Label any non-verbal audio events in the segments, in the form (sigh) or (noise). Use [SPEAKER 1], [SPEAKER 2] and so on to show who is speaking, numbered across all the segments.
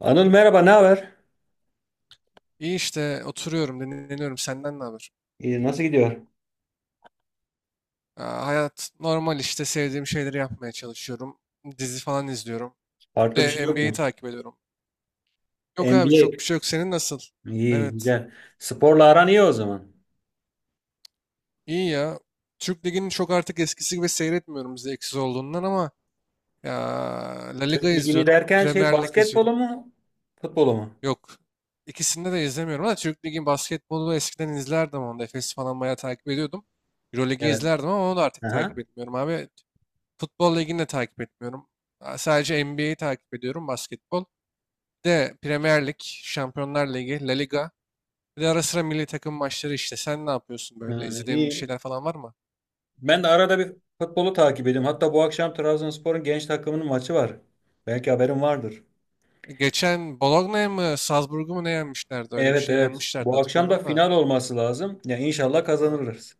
[SPEAKER 1] Anıl merhaba, ne haber?
[SPEAKER 2] İyi işte oturuyorum, dinleniyorum. Senden ne haber?
[SPEAKER 1] İyi, nasıl gidiyor?
[SPEAKER 2] Aa, hayat normal işte sevdiğim şeyleri yapmaya çalışıyorum. Dizi falan izliyorum. Bir
[SPEAKER 1] Farklı bir
[SPEAKER 2] de
[SPEAKER 1] şey yok
[SPEAKER 2] NBA'yi
[SPEAKER 1] mu?
[SPEAKER 2] takip ediyorum. Yok abi,
[SPEAKER 1] NBA.
[SPEAKER 2] çok bir şey yok. Senin nasıl?
[SPEAKER 1] İyi,
[SPEAKER 2] Evet.
[SPEAKER 1] güzel. Sporla aran iyi o zaman.
[SPEAKER 2] İyi ya. Türk Ligi'ni çok artık eskisi gibi seyretmiyorum, zevksiz olduğundan, ama ya La Liga
[SPEAKER 1] Türk Ligi'ni
[SPEAKER 2] izliyorum.
[SPEAKER 1] derken şey
[SPEAKER 2] Premier Lig
[SPEAKER 1] basketbolu
[SPEAKER 2] izliyorum.
[SPEAKER 1] mu, futbolu mu?
[SPEAKER 2] Yok. İkisini de izlemiyorum ama Türk Ligi'nin basketbolu eskiden izlerdim, onu da. Efes'i falan bayağı takip ediyordum. Euroleague'i
[SPEAKER 1] Evet.
[SPEAKER 2] izlerdim ama onu da artık takip
[SPEAKER 1] Aha.
[SPEAKER 2] etmiyorum abi. Futbol ligini de takip etmiyorum. Sadece NBA'yi takip ediyorum, basketbol. Bir de Premier Lig, Şampiyonlar Ligi, La Liga. Bir de ara sıra milli takım maçları işte. Sen ne yapıyorsun
[SPEAKER 1] Ha,
[SPEAKER 2] böyle? İzlediğin bir
[SPEAKER 1] iyi.
[SPEAKER 2] şeyler falan var mı?
[SPEAKER 1] Ben de arada bir futbolu takip ediyorum. Hatta bu akşam Trabzonspor'un genç takımının maçı var. Belki haberin vardır.
[SPEAKER 2] Geçen Bologna'ya mı, Salzburg'u mu ne yenmişlerdi? Öyle bir
[SPEAKER 1] Evet,
[SPEAKER 2] şey
[SPEAKER 1] evet.
[SPEAKER 2] yenmişlerdi,
[SPEAKER 1] Bu akşam da
[SPEAKER 2] hatırlıyorum da.
[SPEAKER 1] final olması lazım. Ya inşallah
[SPEAKER 2] Ha.
[SPEAKER 1] kazanırız.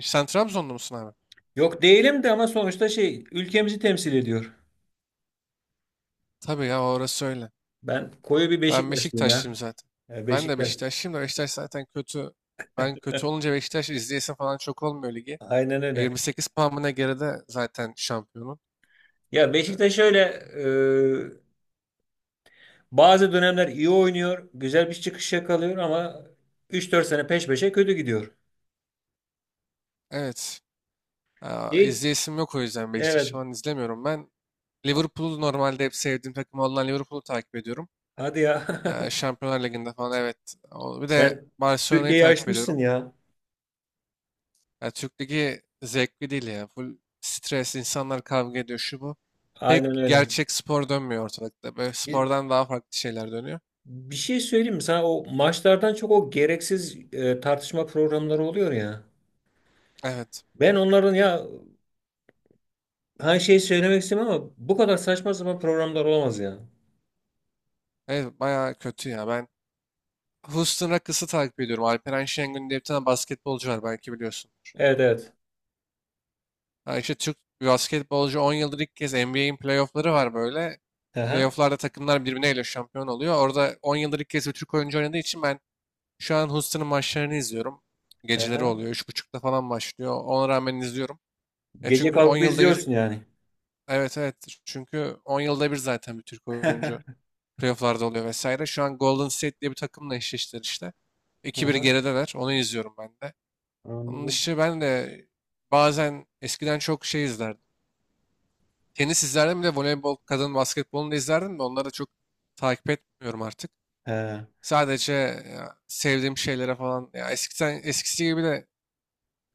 [SPEAKER 2] E, sen Trabzonlu musun abi?
[SPEAKER 1] Yok değilim de ama sonuçta şey ülkemizi temsil ediyor.
[SPEAKER 2] Tabii ya, orası öyle.
[SPEAKER 1] Ben koyu bir
[SPEAKER 2] Ben
[SPEAKER 1] Beşiktaşlıyım
[SPEAKER 2] Beşiktaşlıyım
[SPEAKER 1] ya.
[SPEAKER 2] zaten. Ben de
[SPEAKER 1] Beşiktaş.
[SPEAKER 2] Beşiktaşlıyım da Beşiktaş zaten kötü. Ben kötü olunca Beşiktaş izleyesim falan çok olmuyor ligi.
[SPEAKER 1] Aynen
[SPEAKER 2] E,
[SPEAKER 1] öyle.
[SPEAKER 2] 28 puan mı ne geride zaten şampiyonun.
[SPEAKER 1] Ya
[SPEAKER 2] E,
[SPEAKER 1] Beşiktaş şöyle e, bazı dönemler iyi oynuyor, güzel bir çıkış yakalıyor ama üç dört sene peş peşe kötü gidiyor.
[SPEAKER 2] evet. Aa,
[SPEAKER 1] Değil.
[SPEAKER 2] izleyesim yok, o yüzden Beşiktaş'ı
[SPEAKER 1] Evet.
[SPEAKER 2] falan izlemiyorum. Ben Liverpool'u normalde, hep sevdiğim takım olan Liverpool'u takip ediyorum.
[SPEAKER 1] Hadi ya. (laughs)
[SPEAKER 2] Şampiyonlar Ligi'nde falan, evet. Bir de
[SPEAKER 1] Sen
[SPEAKER 2] Barcelona'yı
[SPEAKER 1] Türkiye'yi
[SPEAKER 2] takip
[SPEAKER 1] aşmışsın
[SPEAKER 2] ediyorum.
[SPEAKER 1] ya.
[SPEAKER 2] Ya Türk Ligi zevkli değil ya. Full stres, insanlar kavga ediyor şu bu. Pek
[SPEAKER 1] Aynen öyle.
[SPEAKER 2] gerçek spor dönmüyor ortalıkta. Böyle
[SPEAKER 1] Bir,
[SPEAKER 2] spordan daha farklı şeyler dönüyor.
[SPEAKER 1] bir şey söyleyeyim mi sana? O maçlardan çok o gereksiz tartışma programları oluyor ya.
[SPEAKER 2] Evet.
[SPEAKER 1] Ben onların ya her şeyi söylemek istemem ama bu kadar saçma sapan programlar olamaz ya.
[SPEAKER 2] Evet bayağı kötü ya. Ben Houston Rockets'ı takip ediyorum. Alperen Şengün diye bir tane basketbolcu var, belki biliyorsun.
[SPEAKER 1] Evet, evet.
[SPEAKER 2] Ha işte, Türk bir basketbolcu, 10 yıldır ilk kez NBA'in playoff'ları var böyle.
[SPEAKER 1] Aha,
[SPEAKER 2] Playoff'larda takımlar birbirleriyle şampiyon oluyor. Orada 10 yıldır ilk kez bir Türk oyuncu oynadığı için ben şu an Houston'ın maçlarını izliyorum. Geceleri
[SPEAKER 1] aha.
[SPEAKER 2] oluyor. Üç buçukta falan başlıyor. Ona rağmen izliyorum. Ya
[SPEAKER 1] Gece
[SPEAKER 2] çünkü 10
[SPEAKER 1] kalkıp
[SPEAKER 2] yılda bir,
[SPEAKER 1] izliyorsun yani.
[SPEAKER 2] evet evet, çünkü 10 yılda bir zaten bir Türk
[SPEAKER 1] (laughs)
[SPEAKER 2] oyuncu playoff'larda oluyor vesaire. Şu an Golden State diye bir takımla eşleştiler işte.
[SPEAKER 1] Hı
[SPEAKER 2] 2-1
[SPEAKER 1] hı,
[SPEAKER 2] gerideler. Onu izliyorum ben de. Onun
[SPEAKER 1] anladım.
[SPEAKER 2] dışı ben de bazen eskiden çok şey izlerdim. Tenis izlerdim, bir de voleybol, kadın basketbolunu da izlerdim de onları da çok takip etmiyorum artık.
[SPEAKER 1] He.
[SPEAKER 2] Sadece ya, sevdiğim şeylere falan ya, eskiden eskisi gibi de,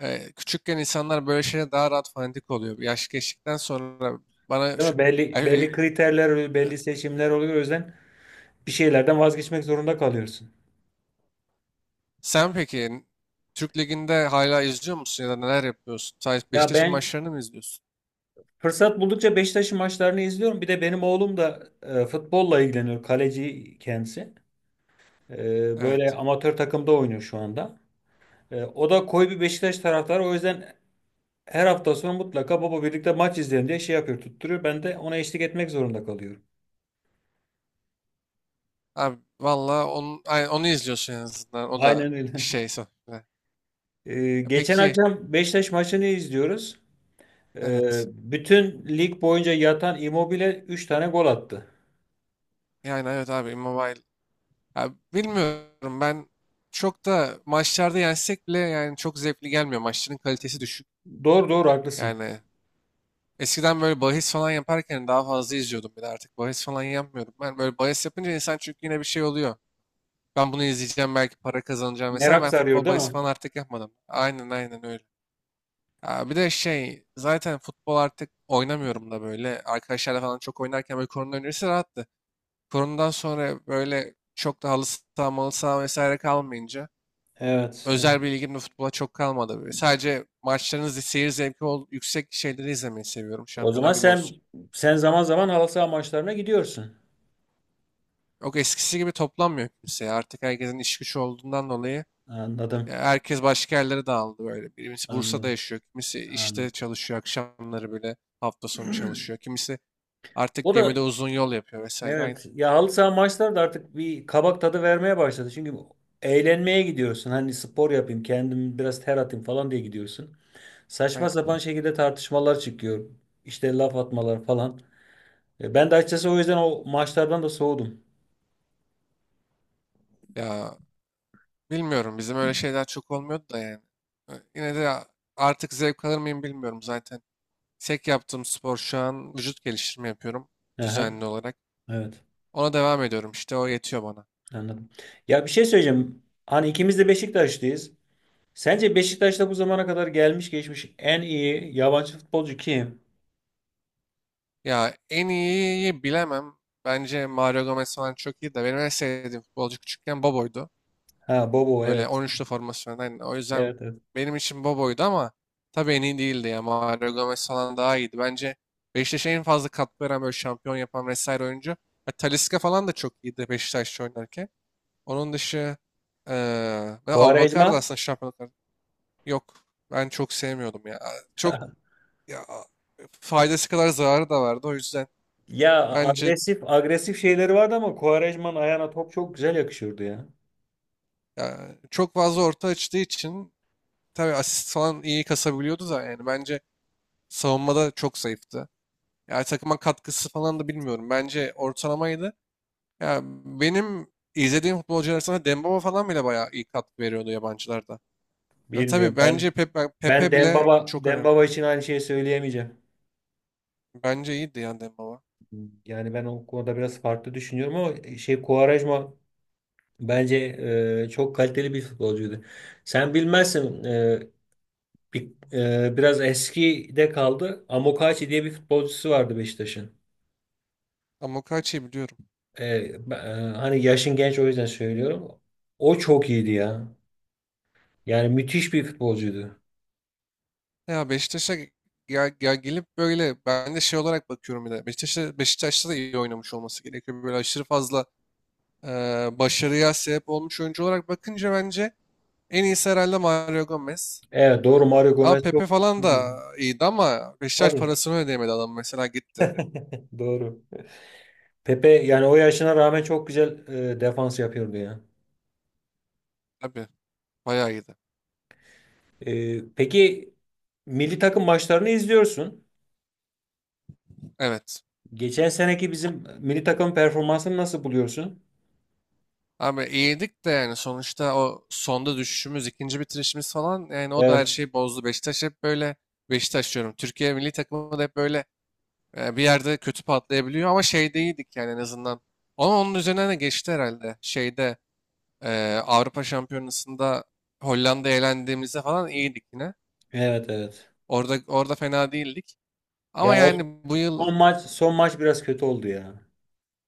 [SPEAKER 2] küçükken insanlar böyle şeye daha rahat fanatik oluyor. Yaş geçtikten sonra bana
[SPEAKER 1] Değil
[SPEAKER 2] şu,
[SPEAKER 1] mi? Belli, belli
[SPEAKER 2] yani,
[SPEAKER 1] kriterler oluyor,
[SPEAKER 2] e,
[SPEAKER 1] belli seçimler oluyor. O yüzden bir şeylerden vazgeçmek zorunda kalıyorsun.
[SPEAKER 2] sen peki Türk Ligi'nde hala izliyor musun ya da neler yapıyorsun? Sadece
[SPEAKER 1] Ya
[SPEAKER 2] Beşiktaş'ın
[SPEAKER 1] ben
[SPEAKER 2] maçlarını mı izliyorsun?
[SPEAKER 1] fırsat buldukça Beşiktaş'ın maçlarını izliyorum. Bir de benim oğlum da futbolla ilgileniyor. Kaleci kendisi. Böyle
[SPEAKER 2] Evet.
[SPEAKER 1] amatör takımda oynuyor şu anda. O da koyu bir Beşiktaş taraftarı. O yüzden her hafta sonu mutlaka baba birlikte maç izleyelim diye şey yapıyor, tutturuyor. Ben de ona eşlik etmek zorunda kalıyorum.
[SPEAKER 2] Abi valla onu, onu izliyorsun en azından. O da
[SPEAKER 1] Aynen öyle.
[SPEAKER 2] şey
[SPEAKER 1] (laughs)
[SPEAKER 2] sonuçta.
[SPEAKER 1] E,
[SPEAKER 2] Ya
[SPEAKER 1] geçen
[SPEAKER 2] peki,
[SPEAKER 1] akşam Beşiktaş maçını izliyoruz.
[SPEAKER 2] evet.
[SPEAKER 1] Bütün lig boyunca yatan Immobile 3 tane gol attı.
[SPEAKER 2] Yani evet abi Immobile. Ya bilmiyorum, ben çok da maçlarda yensek bile yani çok zevkli gelmiyor. Maçların kalitesi düşük.
[SPEAKER 1] Doğru doğru haklısın.
[SPEAKER 2] Yani eskiden böyle bahis falan yaparken daha fazla izliyordum, bir de artık bahis falan yapmıyorum. Ben böyle bahis yapınca insan çünkü yine bir şey oluyor. Ben bunu izleyeceğim belki para kazanacağım, mesela
[SPEAKER 1] Merak
[SPEAKER 2] ben
[SPEAKER 1] sarıyor
[SPEAKER 2] futbol
[SPEAKER 1] değil
[SPEAKER 2] bahis
[SPEAKER 1] mi?
[SPEAKER 2] falan artık yapmadım. Aynen aynen öyle. Ya bir de şey, zaten futbol artık oynamıyorum da böyle arkadaşlarla falan çok oynarken, böyle korona öncesi rahattı. Koronadan sonra böyle çok da halı saha malı saha vesaire kalmayınca
[SPEAKER 1] Evet, evet.
[SPEAKER 2] özel bir ilgim de futbola çok kalmadı böyle. Sadece maçlarınızı seyir zevki ol, yüksek şeyleri izlemeyi seviyorum.
[SPEAKER 1] O zaman
[SPEAKER 2] Şampiyonlar Ligi
[SPEAKER 1] sen
[SPEAKER 2] olsun.
[SPEAKER 1] zaman zaman halı saha maçlarına gidiyorsun.
[SPEAKER 2] Yok eskisi gibi toplanmıyor kimse, ya. Artık herkesin iş gücü olduğundan dolayı
[SPEAKER 1] Anladım.
[SPEAKER 2] herkes başka yerlere dağıldı böyle. Birisi Bursa'da
[SPEAKER 1] Anladım.
[SPEAKER 2] yaşıyor, kimisi işte
[SPEAKER 1] Anladım.
[SPEAKER 2] çalışıyor akşamları, böyle hafta sonu çalışıyor.
[SPEAKER 1] (clears throat)
[SPEAKER 2] Kimisi artık
[SPEAKER 1] O da
[SPEAKER 2] gemide uzun yol yapıyor vesaire.
[SPEAKER 1] evet
[SPEAKER 2] Aynen.
[SPEAKER 1] ya, halı saha maçları da artık bir kabak tadı vermeye başladı. Çünkü eğlenmeye gidiyorsun. Hani spor yapayım, kendimi biraz ter atayım falan diye gidiyorsun. Saçma sapan
[SPEAKER 2] Aynen.
[SPEAKER 1] şekilde tartışmalar çıkıyor. İşte laf atmalar falan. Ben de açıkçası o yüzden o maçlardan da soğudum.
[SPEAKER 2] Ya bilmiyorum, bizim öyle şeyler çok olmuyordu da yani. Yine de artık zevk alır mıyım bilmiyorum zaten. Tek yaptığım spor şu an, vücut geliştirme yapıyorum
[SPEAKER 1] Aha,
[SPEAKER 2] düzenli olarak.
[SPEAKER 1] evet,
[SPEAKER 2] Ona devam ediyorum işte, o yetiyor bana.
[SPEAKER 1] anladım. Ya bir şey söyleyeceğim. Hani ikimiz de Beşiktaşlıyız. Sence Beşiktaş'ta bu zamana kadar gelmiş geçmiş en iyi yabancı futbolcu kim?
[SPEAKER 2] Ya en iyiyi bilemem. Bence Mario Gomez falan çok iyi de benim en sevdiğim futbolcu küçükken Bobo'ydu.
[SPEAKER 1] Ha, Bobo,
[SPEAKER 2] Böyle
[SPEAKER 1] evet.
[SPEAKER 2] 13'lü formasyondan. O yüzden
[SPEAKER 1] Evet, evet.
[SPEAKER 2] benim için Bobo'ydu ama tabii en iyi değildi ya. Mario Gomez falan daha iyiydi. Bence Beşiktaş'a en fazla katkı veren, böyle şampiyon yapan vesaire oyuncu. Ya, Talisca falan da çok iyiydi Beşiktaş'ta oynarken. Onun dışı ve
[SPEAKER 1] Quaresma.
[SPEAKER 2] Abubakar da aslında şampiyonluk. Yok. Ben çok sevmiyordum ya. Çok ya, faydası kadar zararı da vardı. O yüzden
[SPEAKER 1] Ya
[SPEAKER 2] bence
[SPEAKER 1] agresif agresif şeyleri vardı ama Quaresma'nın ayağına top çok güzel yakışıyordu ya.
[SPEAKER 2] ya, çok fazla orta açtığı için, tabii asist falan iyi kasabiliyordu da yani bence savunmada çok zayıftı. Yani takıma katkısı falan da bilmiyorum. Bence ortalamaydı. Ya benim izlediğim futbolcular arasında Dembaba falan bile bayağı iyi katkı veriyordu yabancılarda. Ya,
[SPEAKER 1] Bilmiyorum,
[SPEAKER 2] tabii
[SPEAKER 1] ben
[SPEAKER 2] bence Pepe, Pepe bile
[SPEAKER 1] Dembaba
[SPEAKER 2] çok önemli.
[SPEAKER 1] Dembaba için aynı şeyi söyleyemeyeceğim.
[SPEAKER 2] Bence iyiydi yani Dembaba.
[SPEAKER 1] Yani ben o konuda biraz farklı düşünüyorum ama şey, Quaresma, bence çok kaliteli bir futbolcuydu. Sen bilmezsin, bir, biraz eskide kaldı. Amokachi diye bir futbolcusu vardı Beşiktaş'ın.
[SPEAKER 2] Ama Okaçi'yi biliyorum.
[SPEAKER 1] Hani yaşın genç o yüzden söylüyorum. O çok iyiydi ya. Yani müthiş bir futbolcuydu.
[SPEAKER 2] Ya Beşiktaş'a, ya gelip böyle, ben de şey olarak bakıyorum, bir de Beşiktaş'a Beşiktaş'ta da iyi oynamış olması gerekiyor. Böyle aşırı fazla e, başarıya sebep olmuş oyuncu olarak bakınca bence en iyisi herhalde Mario Gomez.
[SPEAKER 1] Evet, doğru, Mario
[SPEAKER 2] Ama
[SPEAKER 1] Gomez çok
[SPEAKER 2] Pepe falan
[SPEAKER 1] iyiydi.
[SPEAKER 2] da iyiydi ama Beşiktaş
[SPEAKER 1] Tabii,
[SPEAKER 2] parasını ödeyemedi, adam mesela gitti.
[SPEAKER 1] doğru. Pepe yani o yaşına rağmen çok güzel defans yapıyordu ya.
[SPEAKER 2] Tabii bayağı iyiydi.
[SPEAKER 1] Peki milli takım maçlarını izliyorsun.
[SPEAKER 2] Evet.
[SPEAKER 1] Geçen seneki bizim milli takım performansını nasıl buluyorsun?
[SPEAKER 2] Abi iyiydik de yani sonuçta o sonda düşüşümüz, ikinci bitirişimiz falan, yani o da her
[SPEAKER 1] Evet.
[SPEAKER 2] şeyi bozdu. Beşiktaş hep böyle, Beşiktaş diyorum. Türkiye milli takımı da hep böyle, bir yerde kötü patlayabiliyor ama şeyde iyiydik yani en azından. Ama onun üzerine de geçti herhalde. Şeyde, Avrupa Şampiyonası'nda Hollanda'ya elendiğimizde falan iyiydik yine.
[SPEAKER 1] Evet, evet.
[SPEAKER 2] Orada orada fena değildik. Ama
[SPEAKER 1] Ya o
[SPEAKER 2] yani bu yıl,
[SPEAKER 1] son maç, son maç biraz kötü oldu ya.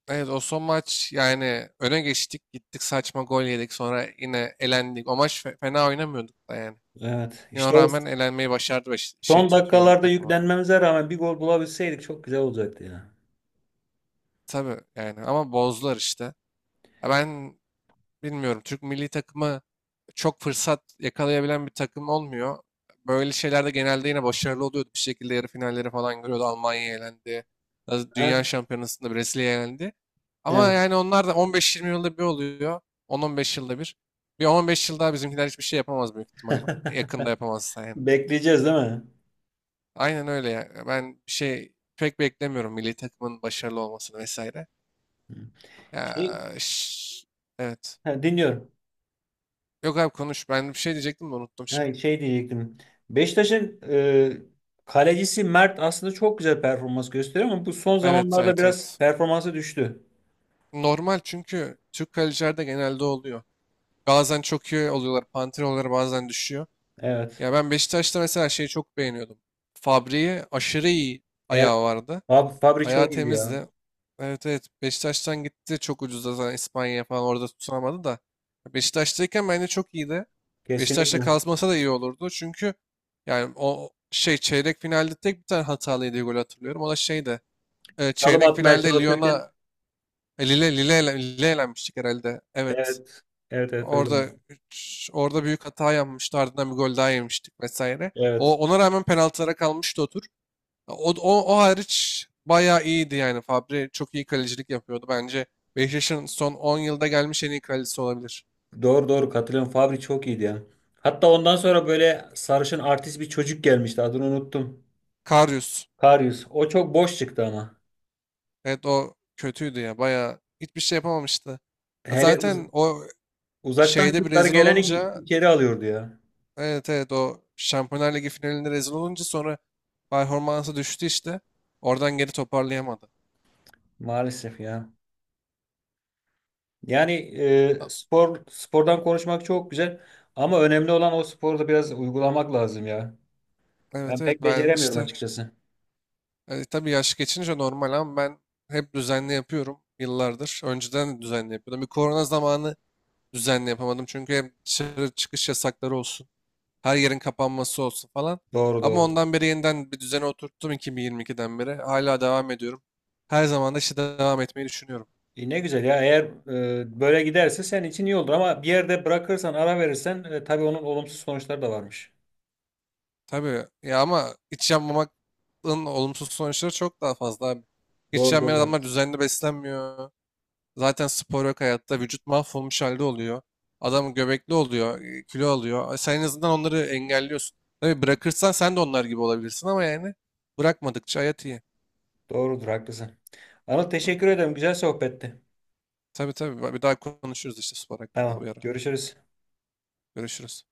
[SPEAKER 2] evet, o son maç yani öne geçtik gittik saçma gol yedik sonra yine elendik. O maç fena oynamıyorduk da yani.
[SPEAKER 1] Evet.
[SPEAKER 2] Yine o
[SPEAKER 1] İşte o
[SPEAKER 2] rağmen elenmeyi başardı, şey,
[SPEAKER 1] son
[SPEAKER 2] Türkiye milli
[SPEAKER 1] dakikalarda
[SPEAKER 2] takımı.
[SPEAKER 1] yüklenmemize rağmen bir gol bulabilseydik çok güzel olacaktı ya.
[SPEAKER 2] Tabii yani ama bozdular işte. Ya ben bilmiyorum, Türk milli takımı çok fırsat yakalayabilen bir takım olmuyor. Böyle şeylerde genelde yine başarılı oluyordu. Bir şekilde yarı finalleri falan görüyordu. Almanya elendi.
[SPEAKER 1] Ha?
[SPEAKER 2] Dünya Şampiyonası'nda Brezilya elendi. Ama
[SPEAKER 1] Evet.
[SPEAKER 2] yani onlar da 15-20 yılda bir oluyor. 10-15 yılda bir. Bir 15 yıl daha bizimkiler hiçbir şey yapamaz, büyük ihtimal. Yakında
[SPEAKER 1] (laughs)
[SPEAKER 2] yapamazsa yani.
[SPEAKER 1] Bekleyeceğiz değil mi?
[SPEAKER 2] Aynen öyle ya. Ben bir şey pek beklemiyorum milli takımın başarılı olmasını vesaire.
[SPEAKER 1] Şey,
[SPEAKER 2] Ya, şş, evet.
[SPEAKER 1] ha, dinliyorum.
[SPEAKER 2] Yok abi konuş. Ben bir şey diyecektim de unuttum şimdi.
[SPEAKER 1] Ha, şey diyecektim. Beşiktaş'ın kalecisi Mert aslında çok güzel performans gösteriyor ama bu son
[SPEAKER 2] Evet,
[SPEAKER 1] zamanlarda
[SPEAKER 2] evet,
[SPEAKER 1] biraz
[SPEAKER 2] evet.
[SPEAKER 1] performansı düştü.
[SPEAKER 2] Normal, çünkü Türk kalecilerde genelde oluyor. Bazen çok iyi oluyorlar, panter oluyorlar, bazen düşüyor.
[SPEAKER 1] Evet.
[SPEAKER 2] Ya ben Beşiktaş'ta mesela şeyi çok beğeniyordum. Fabri'yi, aşırı iyi
[SPEAKER 1] Evet.
[SPEAKER 2] ayağı vardı.
[SPEAKER 1] Abi Fabri
[SPEAKER 2] Ayağı
[SPEAKER 1] çok iyiydi ya.
[SPEAKER 2] temizdi. Evet evet, Beşiktaş'tan gitti çok ucuzda, zaten İspanya'ya falan orada tutunamadı da. Beşiktaş'tayken bence çok iyiydi. Beşiktaş'ta
[SPEAKER 1] Kesinlikle.
[SPEAKER 2] kalmasa da iyi olurdu. Çünkü yani o şey, çeyrek finalde tek bir tane hatalı yediği golü hatırlıyorum. O da şeydi.
[SPEAKER 1] Salım
[SPEAKER 2] Çeyrek
[SPEAKER 1] atmaya
[SPEAKER 2] finalde
[SPEAKER 1] çalışırken,
[SPEAKER 2] Lyon'a, Lille, Lille, Lille elenmiştik herhalde. Evet.
[SPEAKER 1] evet. Evet, evet, öyle
[SPEAKER 2] Orada
[SPEAKER 1] oldu.
[SPEAKER 2] orada büyük hata yapmıştı. Ardından bir gol daha yemiştik vesaire. O
[SPEAKER 1] Evet.
[SPEAKER 2] ona rağmen penaltılara kalmıştı o tur. O hariç bayağı iyiydi yani. Fabri çok iyi kalecilik yapıyordu. Bence Beşiktaş'ın son 10 yılda gelmiş en iyi kalecisi olabilir.
[SPEAKER 1] Doğru doğru katılıyorum. Fabri çok iyiydi ya. Hatta ondan sonra böyle sarışın artist bir çocuk gelmişti. Adını unuttum.
[SPEAKER 2] Karius.
[SPEAKER 1] Karius. O çok boş çıktı ama.
[SPEAKER 2] Evet o kötüydü ya. Bayağı hiçbir şey yapamamıştı. Ya
[SPEAKER 1] Hele
[SPEAKER 2] zaten o
[SPEAKER 1] uzaktan
[SPEAKER 2] şeyde bir
[SPEAKER 1] şutları
[SPEAKER 2] rezil
[SPEAKER 1] geleni
[SPEAKER 2] olunca,
[SPEAKER 1] içeri alıyordu ya.
[SPEAKER 2] evet evet, o Şampiyonlar Ligi finalinde rezil olunca sonra performansı düştü işte. Oradan geri toparlayamadı.
[SPEAKER 1] Maalesef ya. Yani
[SPEAKER 2] A-
[SPEAKER 1] spor spordan konuşmak çok güzel ama önemli olan o sporda biraz uygulamak lazım ya.
[SPEAKER 2] Evet
[SPEAKER 1] Ben
[SPEAKER 2] evet,
[SPEAKER 1] pek
[SPEAKER 2] ben
[SPEAKER 1] beceremiyorum
[SPEAKER 2] işte,
[SPEAKER 1] açıkçası.
[SPEAKER 2] tabii yaş geçince normal ama ben hep düzenli yapıyorum yıllardır. Önceden de düzenli yapıyordum. Bir korona zamanı düzenli yapamadım. Çünkü hem dışarı çıkış yasakları olsun. Her yerin kapanması olsun falan.
[SPEAKER 1] Doğru
[SPEAKER 2] Ama
[SPEAKER 1] doğru.
[SPEAKER 2] ondan beri yeniden bir düzene oturttum 2022'den beri. Hala devam ediyorum. Her zaman da işte devam etmeyi düşünüyorum.
[SPEAKER 1] Ne güzel ya, eğer böyle giderse senin için iyi olur ama bir yerde bırakırsan, ara verirsen, tabii onun olumsuz sonuçları da varmış.
[SPEAKER 2] Tabii ya, ama hiç yanmamanın olumsuz sonuçları çok daha fazla abi. Hiç
[SPEAKER 1] Doğru
[SPEAKER 2] yanmayan
[SPEAKER 1] doğru.
[SPEAKER 2] adamlar düzenli beslenmiyor. Zaten spor yok hayatta. Vücut mahvolmuş halde oluyor. Adam göbekli oluyor, kilo alıyor. Sen en azından onları engelliyorsun. Tabii bırakırsan sen de onlar gibi olabilirsin ama yani bırakmadıkça hayat iyi.
[SPEAKER 1] Doğrudur, haklısın. Anıl, teşekkür ederim, güzel sohbetti.
[SPEAKER 2] Tabii tabii. Bir daha konuşuruz işte spor hakkında
[SPEAKER 1] Tamam,
[SPEAKER 2] bir ara.
[SPEAKER 1] görüşürüz.
[SPEAKER 2] Görüşürüz.